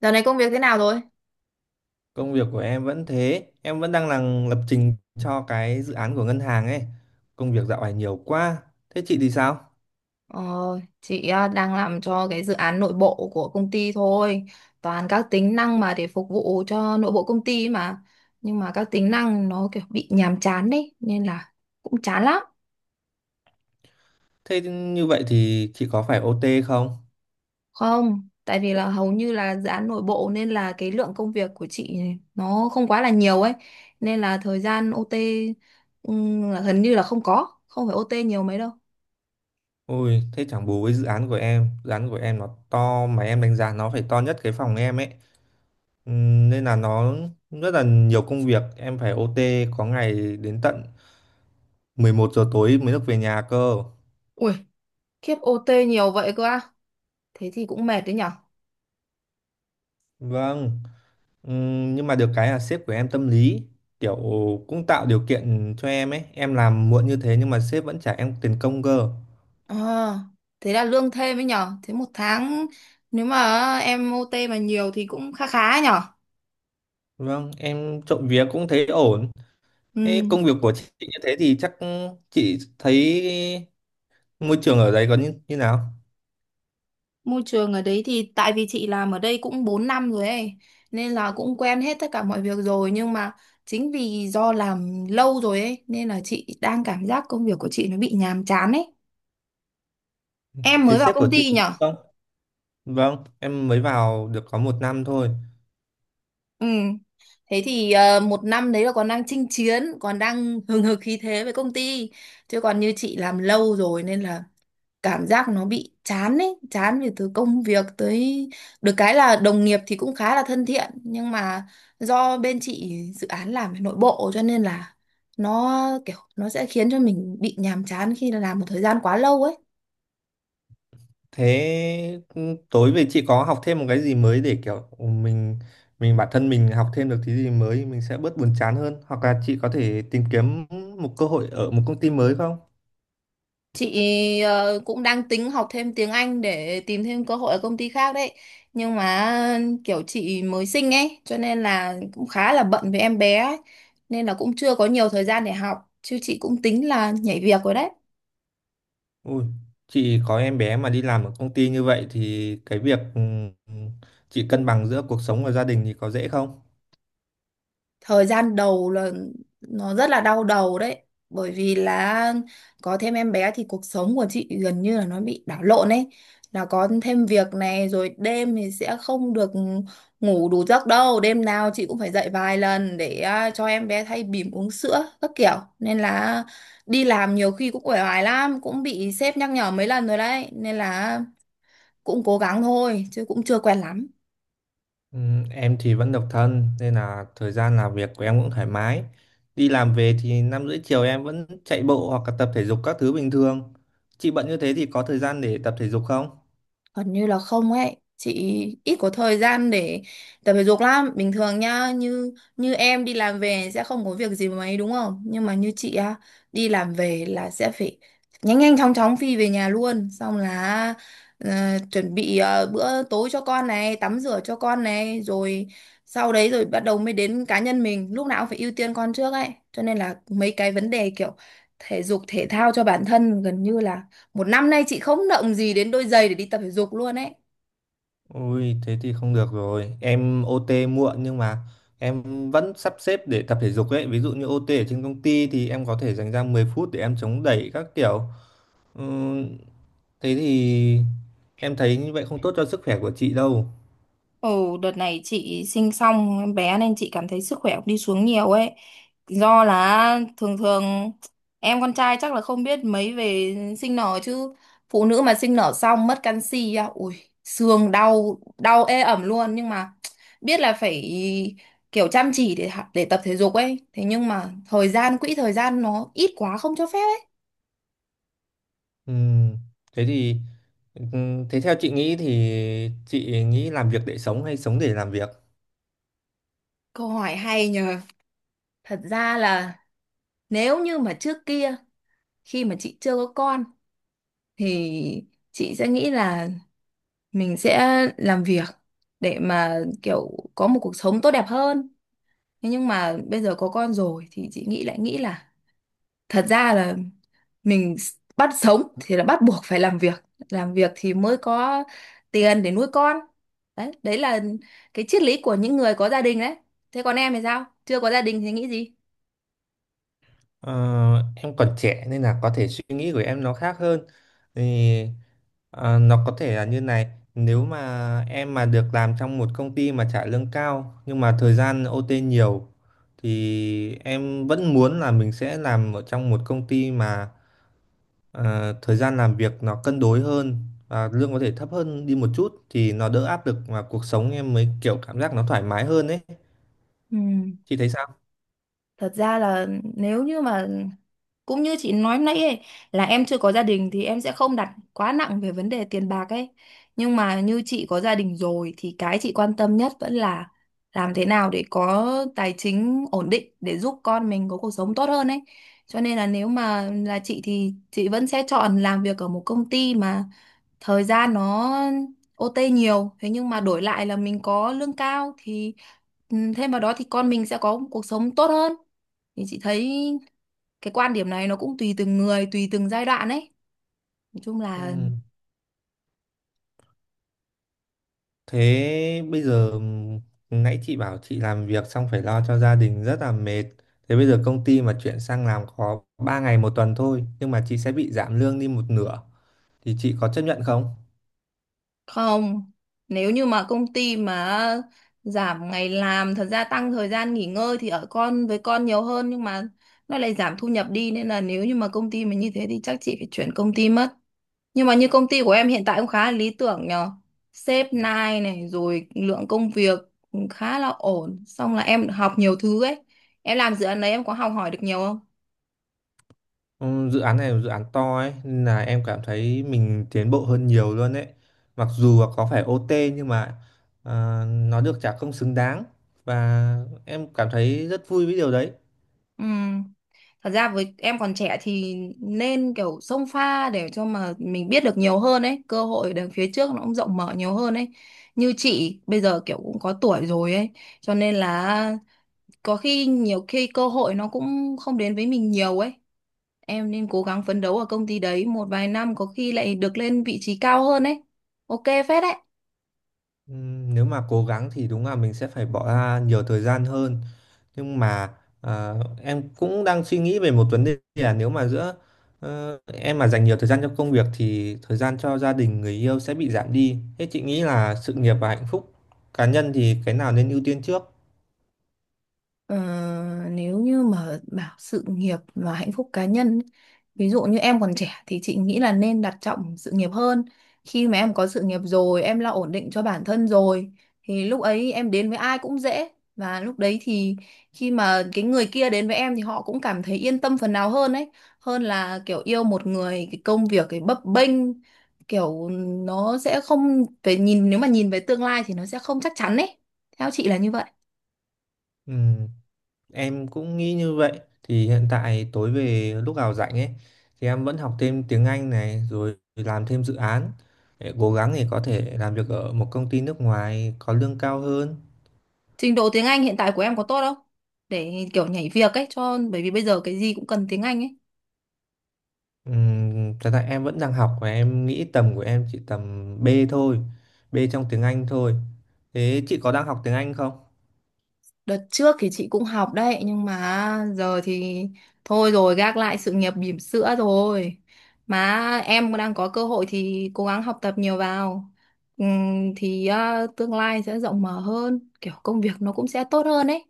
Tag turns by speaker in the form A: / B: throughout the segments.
A: Giờ này công việc thế nào rồi?
B: Công việc của em vẫn thế, em vẫn đang làm lập trình cho cái dự án của ngân hàng ấy. Công việc dạo này nhiều quá. Thế chị thì sao?
A: Ờ, chị đang làm cho cái dự án nội bộ của công ty thôi. Toàn các tính năng mà để phục vụ cho nội bộ công ty ấy mà. Nhưng mà các tính năng nó kiểu bị nhàm chán đấy. Nên là cũng chán lắm.
B: Thế như vậy thì chị có phải OT không?
A: Không, tại vì là hầu như là dự án nội bộ nên là cái lượng công việc của chị nó không quá là nhiều ấy. Nên là thời gian OT là gần như là không có. Không phải OT nhiều mấy đâu.
B: Ôi, thế chẳng bù với dự án của em. Dự án của em nó to mà em đánh giá nó phải to nhất cái phòng em ấy. Nên là nó rất là nhiều công việc, em phải OT có ngày đến tận 11 giờ tối mới được về nhà cơ.
A: Ui, khiếp OT nhiều vậy cơ à? Thế thì cũng mệt đấy nhở?
B: Vâng. Nhưng mà được cái là sếp của em tâm lý, kiểu, cũng tạo điều kiện cho em ấy, em làm muộn như thế nhưng mà sếp vẫn trả em tiền công cơ.
A: Ờ, thế là lương thêm ấy nhở? Thế một tháng nếu mà em OT mà nhiều thì cũng khá khá ấy nhở?
B: Vâng, em trộm vía cũng thấy ổn.
A: Ừ,
B: Thế công việc của chị như thế thì chắc chị thấy môi trường ở đấy có như nào?
A: môi trường ở đấy thì tại vì chị làm ở đây cũng 4 năm rồi ấy, nên là cũng quen hết tất cả mọi việc rồi. Nhưng mà chính vì do làm lâu rồi ấy nên là chị đang cảm giác công việc của chị nó bị nhàm chán ấy. Em
B: Thế
A: mới vào
B: sếp của
A: công
B: chị,
A: ty nhở?
B: không, vâng em mới vào được có 1 năm thôi.
A: Ừ, thế thì 1 năm đấy là còn đang chinh chiến, còn đang hừng hực khí thế với công ty, chứ còn như chị làm lâu rồi nên là cảm giác nó bị chán ấy, chán về từ công việc tới. Được cái là đồng nghiệp thì cũng khá là thân thiện, nhưng mà do bên chị dự án làm về nội bộ cho nên là nó kiểu nó sẽ khiến cho mình bị nhàm chán khi làm một thời gian quá lâu ấy.
B: Thế tối về chị có học thêm một cái gì mới để kiểu mình bản thân mình học thêm được thứ gì mới mình sẽ bớt buồn chán hơn, hoặc là chị có thể tìm kiếm một cơ hội ở một công ty mới không?
A: Chị cũng đang tính học thêm tiếng Anh để tìm thêm cơ hội ở công ty khác đấy, nhưng mà kiểu chị mới sinh ấy cho nên là cũng khá là bận với em bé ấy. Nên là cũng chưa có nhiều thời gian để học, chứ chị cũng tính là nhảy việc rồi đấy.
B: Ui, chị có em bé mà đi làm ở công ty như vậy thì cái việc, ừ, chị cân bằng giữa cuộc sống và gia đình thì có dễ không?
A: Thời gian đầu là nó rất là đau đầu đấy, bởi vì là có thêm em bé thì cuộc sống của chị gần như là nó bị đảo lộn ấy, là có thêm việc này rồi, đêm thì sẽ không được ngủ đủ giấc đâu, đêm nào chị cũng phải dậy vài lần để cho em bé thay bỉm, uống sữa các kiểu. Nên là đi làm nhiều khi cũng uể oải lắm, cũng bị sếp nhắc nhở mấy lần rồi đấy, nên là cũng cố gắng thôi chứ cũng chưa quen lắm.
B: Em thì vẫn độc thân nên là thời gian làm việc của em cũng thoải mái. Đi làm về thì 5 rưỡi chiều em vẫn chạy bộ hoặc là tập thể dục các thứ bình thường. Chị bận như thế thì có thời gian để tập thể dục không?
A: Gần như là không ấy. Chị ít có thời gian để tập thể dục lắm. Bình thường nhá, Như như em đi làm về sẽ không có việc gì mấy đúng không? Nhưng mà như chị á, đi làm về là sẽ phải nhanh nhanh chóng chóng phi về nhà luôn. Xong là ờ, chuẩn bị bữa tối cho con này, tắm rửa cho con này, rồi sau đấy rồi bắt đầu mới đến cá nhân mình. Lúc nào cũng phải ưu tiên con trước ấy. Cho nên là mấy cái vấn đề kiểu thể dục thể thao cho bản thân, gần như là 1 năm nay chị không động gì đến đôi giày để đi tập thể dục luôn ấy.
B: Ui, thế thì không được rồi. Em OT muộn nhưng mà em vẫn sắp xếp để tập thể dục ấy. Ví dụ như OT ở trên công ty thì em có thể dành ra 10 phút để em chống đẩy các kiểu. Ừm, thế thì Em thấy như vậy không tốt cho sức khỏe của chị đâu.
A: Ồ, đợt này chị sinh xong em bé nên chị cảm thấy sức khỏe cũng đi xuống nhiều ấy. Do là thường thường em con trai chắc là không biết mấy về sinh nở, chứ phụ nữ mà sinh nở xong mất canxi á, ui, xương đau đau ê ẩm luôn. Nhưng mà biết là phải kiểu chăm chỉ để để tập thể dục ấy. Thế nhưng mà thời gian quỹ thời gian nó ít quá không cho phép ấy.
B: Ừm, thế thì Thế theo chị nghĩ thì chị nghĩ làm việc để sống hay sống để làm việc?
A: Câu hỏi hay nhờ. Thật ra là nếu như mà trước kia khi mà chị chưa có con thì chị sẽ nghĩ là mình sẽ làm việc để mà kiểu có một cuộc sống tốt đẹp hơn. Thế nhưng mà bây giờ có con rồi thì chị nghĩ lại, nghĩ là thật ra là bắt sống thì là bắt buộc phải làm việc, làm việc thì mới có tiền để nuôi con. Đấy, đấy là cái triết lý của những người có gia đình đấy. Thế còn em thì sao, chưa có gia đình thì nghĩ gì?
B: Ờ, em còn trẻ nên là có thể suy nghĩ của em nó khác hơn. Thì nó có thể là như này, nếu mà em mà được làm trong một công ty mà trả lương cao nhưng mà thời gian OT nhiều thì em vẫn muốn là mình sẽ làm ở trong một công ty mà thời gian làm việc nó cân đối hơn và lương có thể thấp hơn đi một chút, thì nó đỡ áp lực và cuộc sống em mới kiểu cảm giác nó thoải mái hơn ấy.
A: Ừ.
B: Chị thấy sao?
A: Thật ra là nếu như mà cũng như chị nói nãy ấy, là em chưa có gia đình thì em sẽ không đặt quá nặng về vấn đề tiền bạc ấy. Nhưng mà như chị có gia đình rồi thì cái chị quan tâm nhất vẫn là làm thế nào để có tài chính ổn định để giúp con mình có cuộc sống tốt hơn ấy. Cho nên là nếu mà là chị thì chị vẫn sẽ chọn làm việc ở một công ty mà thời gian nó OT nhiều, thế nhưng mà đổi lại là mình có lương cao thì ừ, thêm vào đó thì con mình sẽ có một cuộc sống tốt hơn. Thì chị thấy cái quan điểm này nó cũng tùy từng người, tùy từng giai đoạn ấy. Nói chung là
B: Ừm, thế bây giờ Nãy chị bảo chị làm việc xong phải lo cho gia đình rất là mệt, thế bây giờ công ty mà chuyển sang làm có 3 ngày 1 tuần thôi nhưng mà chị sẽ bị giảm lương đi một nửa thì chị có chấp nhận không?
A: không, nếu như mà công ty mà giảm ngày làm, thật ra tăng thời gian nghỉ ngơi thì ở con với con nhiều hơn, nhưng mà nó lại giảm thu nhập đi, nên là nếu như mà công ty mà như thế thì chắc chị phải chuyển công ty mất. Nhưng mà như công ty của em hiện tại cũng khá là lý tưởng nhờ. Sếp nai này, rồi lượng công việc cũng khá là ổn. Xong là em học nhiều thứ ấy. Em làm dự án đấy em có học hỏi được nhiều không?
B: Dự án này là dự án to ấy nên là em cảm thấy mình tiến bộ hơn nhiều luôn ấy, mặc dù là có phải OT nhưng mà, nó được trả công xứng đáng và em cảm thấy rất vui với điều đấy.
A: Ừ. Thật ra với em còn trẻ thì nên kiểu xông pha để cho mà mình biết được nhiều hơn ấy. Cơ hội đằng phía trước nó cũng rộng mở nhiều hơn ấy. Như chị bây giờ kiểu cũng có tuổi rồi ấy. Cho nên là có khi, nhiều khi cơ hội nó cũng không đến với mình nhiều ấy. Em nên cố gắng phấn đấu ở công ty đấy một vài năm, có khi lại được lên vị trí cao hơn ấy. OK phết đấy.
B: Nếu mà cố gắng thì đúng là mình sẽ phải bỏ ra nhiều thời gian hơn, nhưng mà à, em cũng đang suy nghĩ về một vấn đề là nếu mà giữa, em mà dành nhiều thời gian cho công việc thì thời gian cho gia đình người yêu sẽ bị giảm đi. Thế chị nghĩ là sự nghiệp và hạnh phúc cá nhân thì cái nào nên ưu tiên trước?
A: Ờ, nếu như mà bảo sự nghiệp và hạnh phúc cá nhân, ví dụ như em còn trẻ thì chị nghĩ là nên đặt trọng sự nghiệp hơn. Khi mà em có sự nghiệp rồi, em lo ổn định cho bản thân rồi thì lúc ấy em đến với ai cũng dễ, và lúc đấy thì khi mà cái người kia đến với em thì họ cũng cảm thấy yên tâm phần nào hơn ấy, hơn là kiểu yêu một người cái công việc cái bấp bênh, kiểu nó sẽ không về nhìn, nếu mà nhìn về tương lai thì nó sẽ không chắc chắn ấy. Theo chị là như vậy.
B: Ừ, em cũng nghĩ như vậy. Thì hiện tại tối về lúc nào rảnh ấy thì em vẫn học thêm tiếng Anh này, rồi làm thêm dự án, để cố gắng để có thể làm việc ở một công ty nước ngoài có lương cao hơn.
A: Trình độ tiếng Anh hiện tại của em có tốt không? Để kiểu nhảy việc ấy, cho bởi vì bây giờ cái gì cũng cần tiếng Anh ấy.
B: Thật ra em vẫn đang học và em nghĩ tầm của em chỉ tầm B thôi, B trong tiếng Anh thôi. Thế chị có đang học tiếng Anh không?
A: Đợt trước thì chị cũng học đấy, nhưng mà giờ thì thôi rồi, gác lại sự nghiệp bỉm sữa rồi. Mà em đang có cơ hội thì cố gắng học tập nhiều vào. Thì tương lai sẽ rộng mở hơn, kiểu công việc nó cũng sẽ tốt hơn ấy.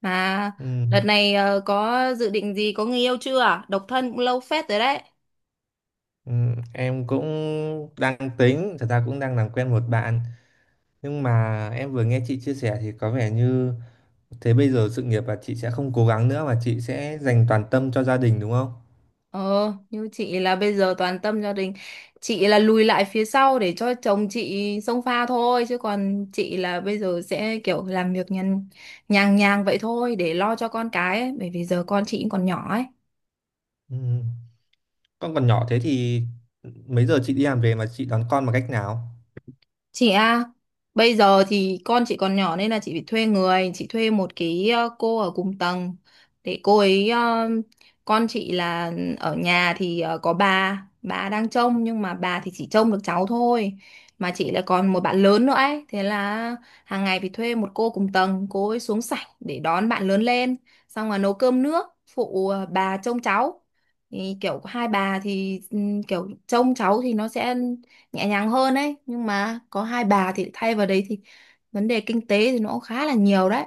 A: Mà đợt
B: Ừm,
A: này có dự định gì, có người yêu chưa? Độc thân cũng lâu phết rồi đấy.
B: em cũng đang tính, thật ra cũng đang làm quen một bạn, nhưng mà em vừa nghe chị chia sẻ thì có vẻ như, thế bây giờ sự nghiệp là chị sẽ không cố gắng nữa mà chị sẽ dành toàn tâm cho gia đình đúng không?
A: Ờ, như chị là bây giờ toàn tâm gia đình. Chị là lùi lại phía sau để cho chồng chị xông pha thôi. Chứ còn chị là bây giờ sẽ kiểu làm việc nhàn, nhàng nhàng vậy thôi để lo cho con cái ấy. Bởi vì giờ con chị cũng còn nhỏ ấy.
B: Ừ. Con còn nhỏ thế thì mấy giờ chị đi làm về mà chị đón con bằng cách nào?
A: Chị à, bây giờ thì con chị còn nhỏ nên là chị phải thuê người, chị thuê một cái cô ở cùng tầng để cô ấy con chị là ở nhà thì có bà đang trông, nhưng mà bà thì chỉ trông được cháu thôi. Mà chị lại còn một bạn lớn nữa ấy, thế là hàng ngày phải thuê một cô cùng tầng, cô ấy xuống sảnh để đón bạn lớn lên, xong là nấu cơm nước, phụ bà trông cháu. Thì kiểu hai bà thì ừ, kiểu trông cháu thì nó sẽ nhẹ nhàng hơn ấy, nhưng mà có hai bà thì thay vào đấy thì vấn đề kinh tế thì nó cũng khá là nhiều đấy.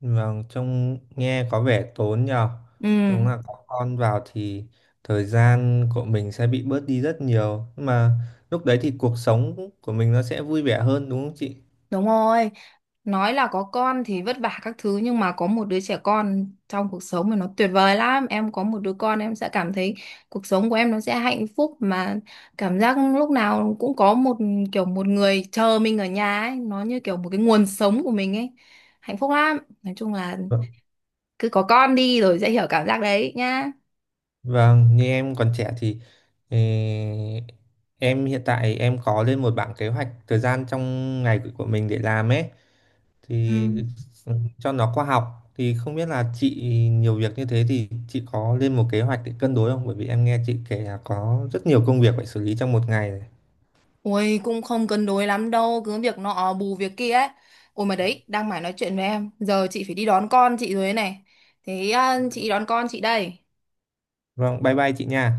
B: Vâng, trông nghe có vẻ tốn nhờ.
A: Ừ,
B: Đúng là có con vào thì thời gian của mình sẽ bị bớt đi rất nhiều. Nhưng mà lúc đấy thì cuộc sống của mình nó sẽ vui vẻ hơn đúng không chị?
A: đúng rồi. Nói là có con thì vất vả các thứ, nhưng mà có một đứa trẻ con trong cuộc sống thì nó tuyệt vời lắm. Em có một đứa con em sẽ cảm thấy cuộc sống của em nó sẽ hạnh phúc mà. Cảm giác lúc nào cũng có một kiểu một người chờ mình ở nhà ấy, nó như kiểu một cái nguồn sống của mình ấy. Hạnh phúc lắm. Nói chung là cứ có con đi rồi sẽ hiểu cảm giác đấy nhá.
B: Vâng, như em còn trẻ thì, ờ, em hiện tại em có lên một bảng kế hoạch thời gian trong ngày của mình để làm ấy,
A: Ừ.
B: thì ừ, cho nó khoa học, thì không biết là chị nhiều việc như thế thì chị có lên một kế hoạch để cân đối không? Bởi vì em nghe chị kể là có rất nhiều công việc phải xử lý trong một ngày này.
A: Ôi cũng không cân đối lắm đâu, cứ việc nọ bù việc kia ấy. Ôi mà đấy, đang mải nói chuyện với em, giờ chị phải đi đón con chị rồi đấy này. Thế à, chị đón con chị đây.
B: Vâng, bye bye chị nha.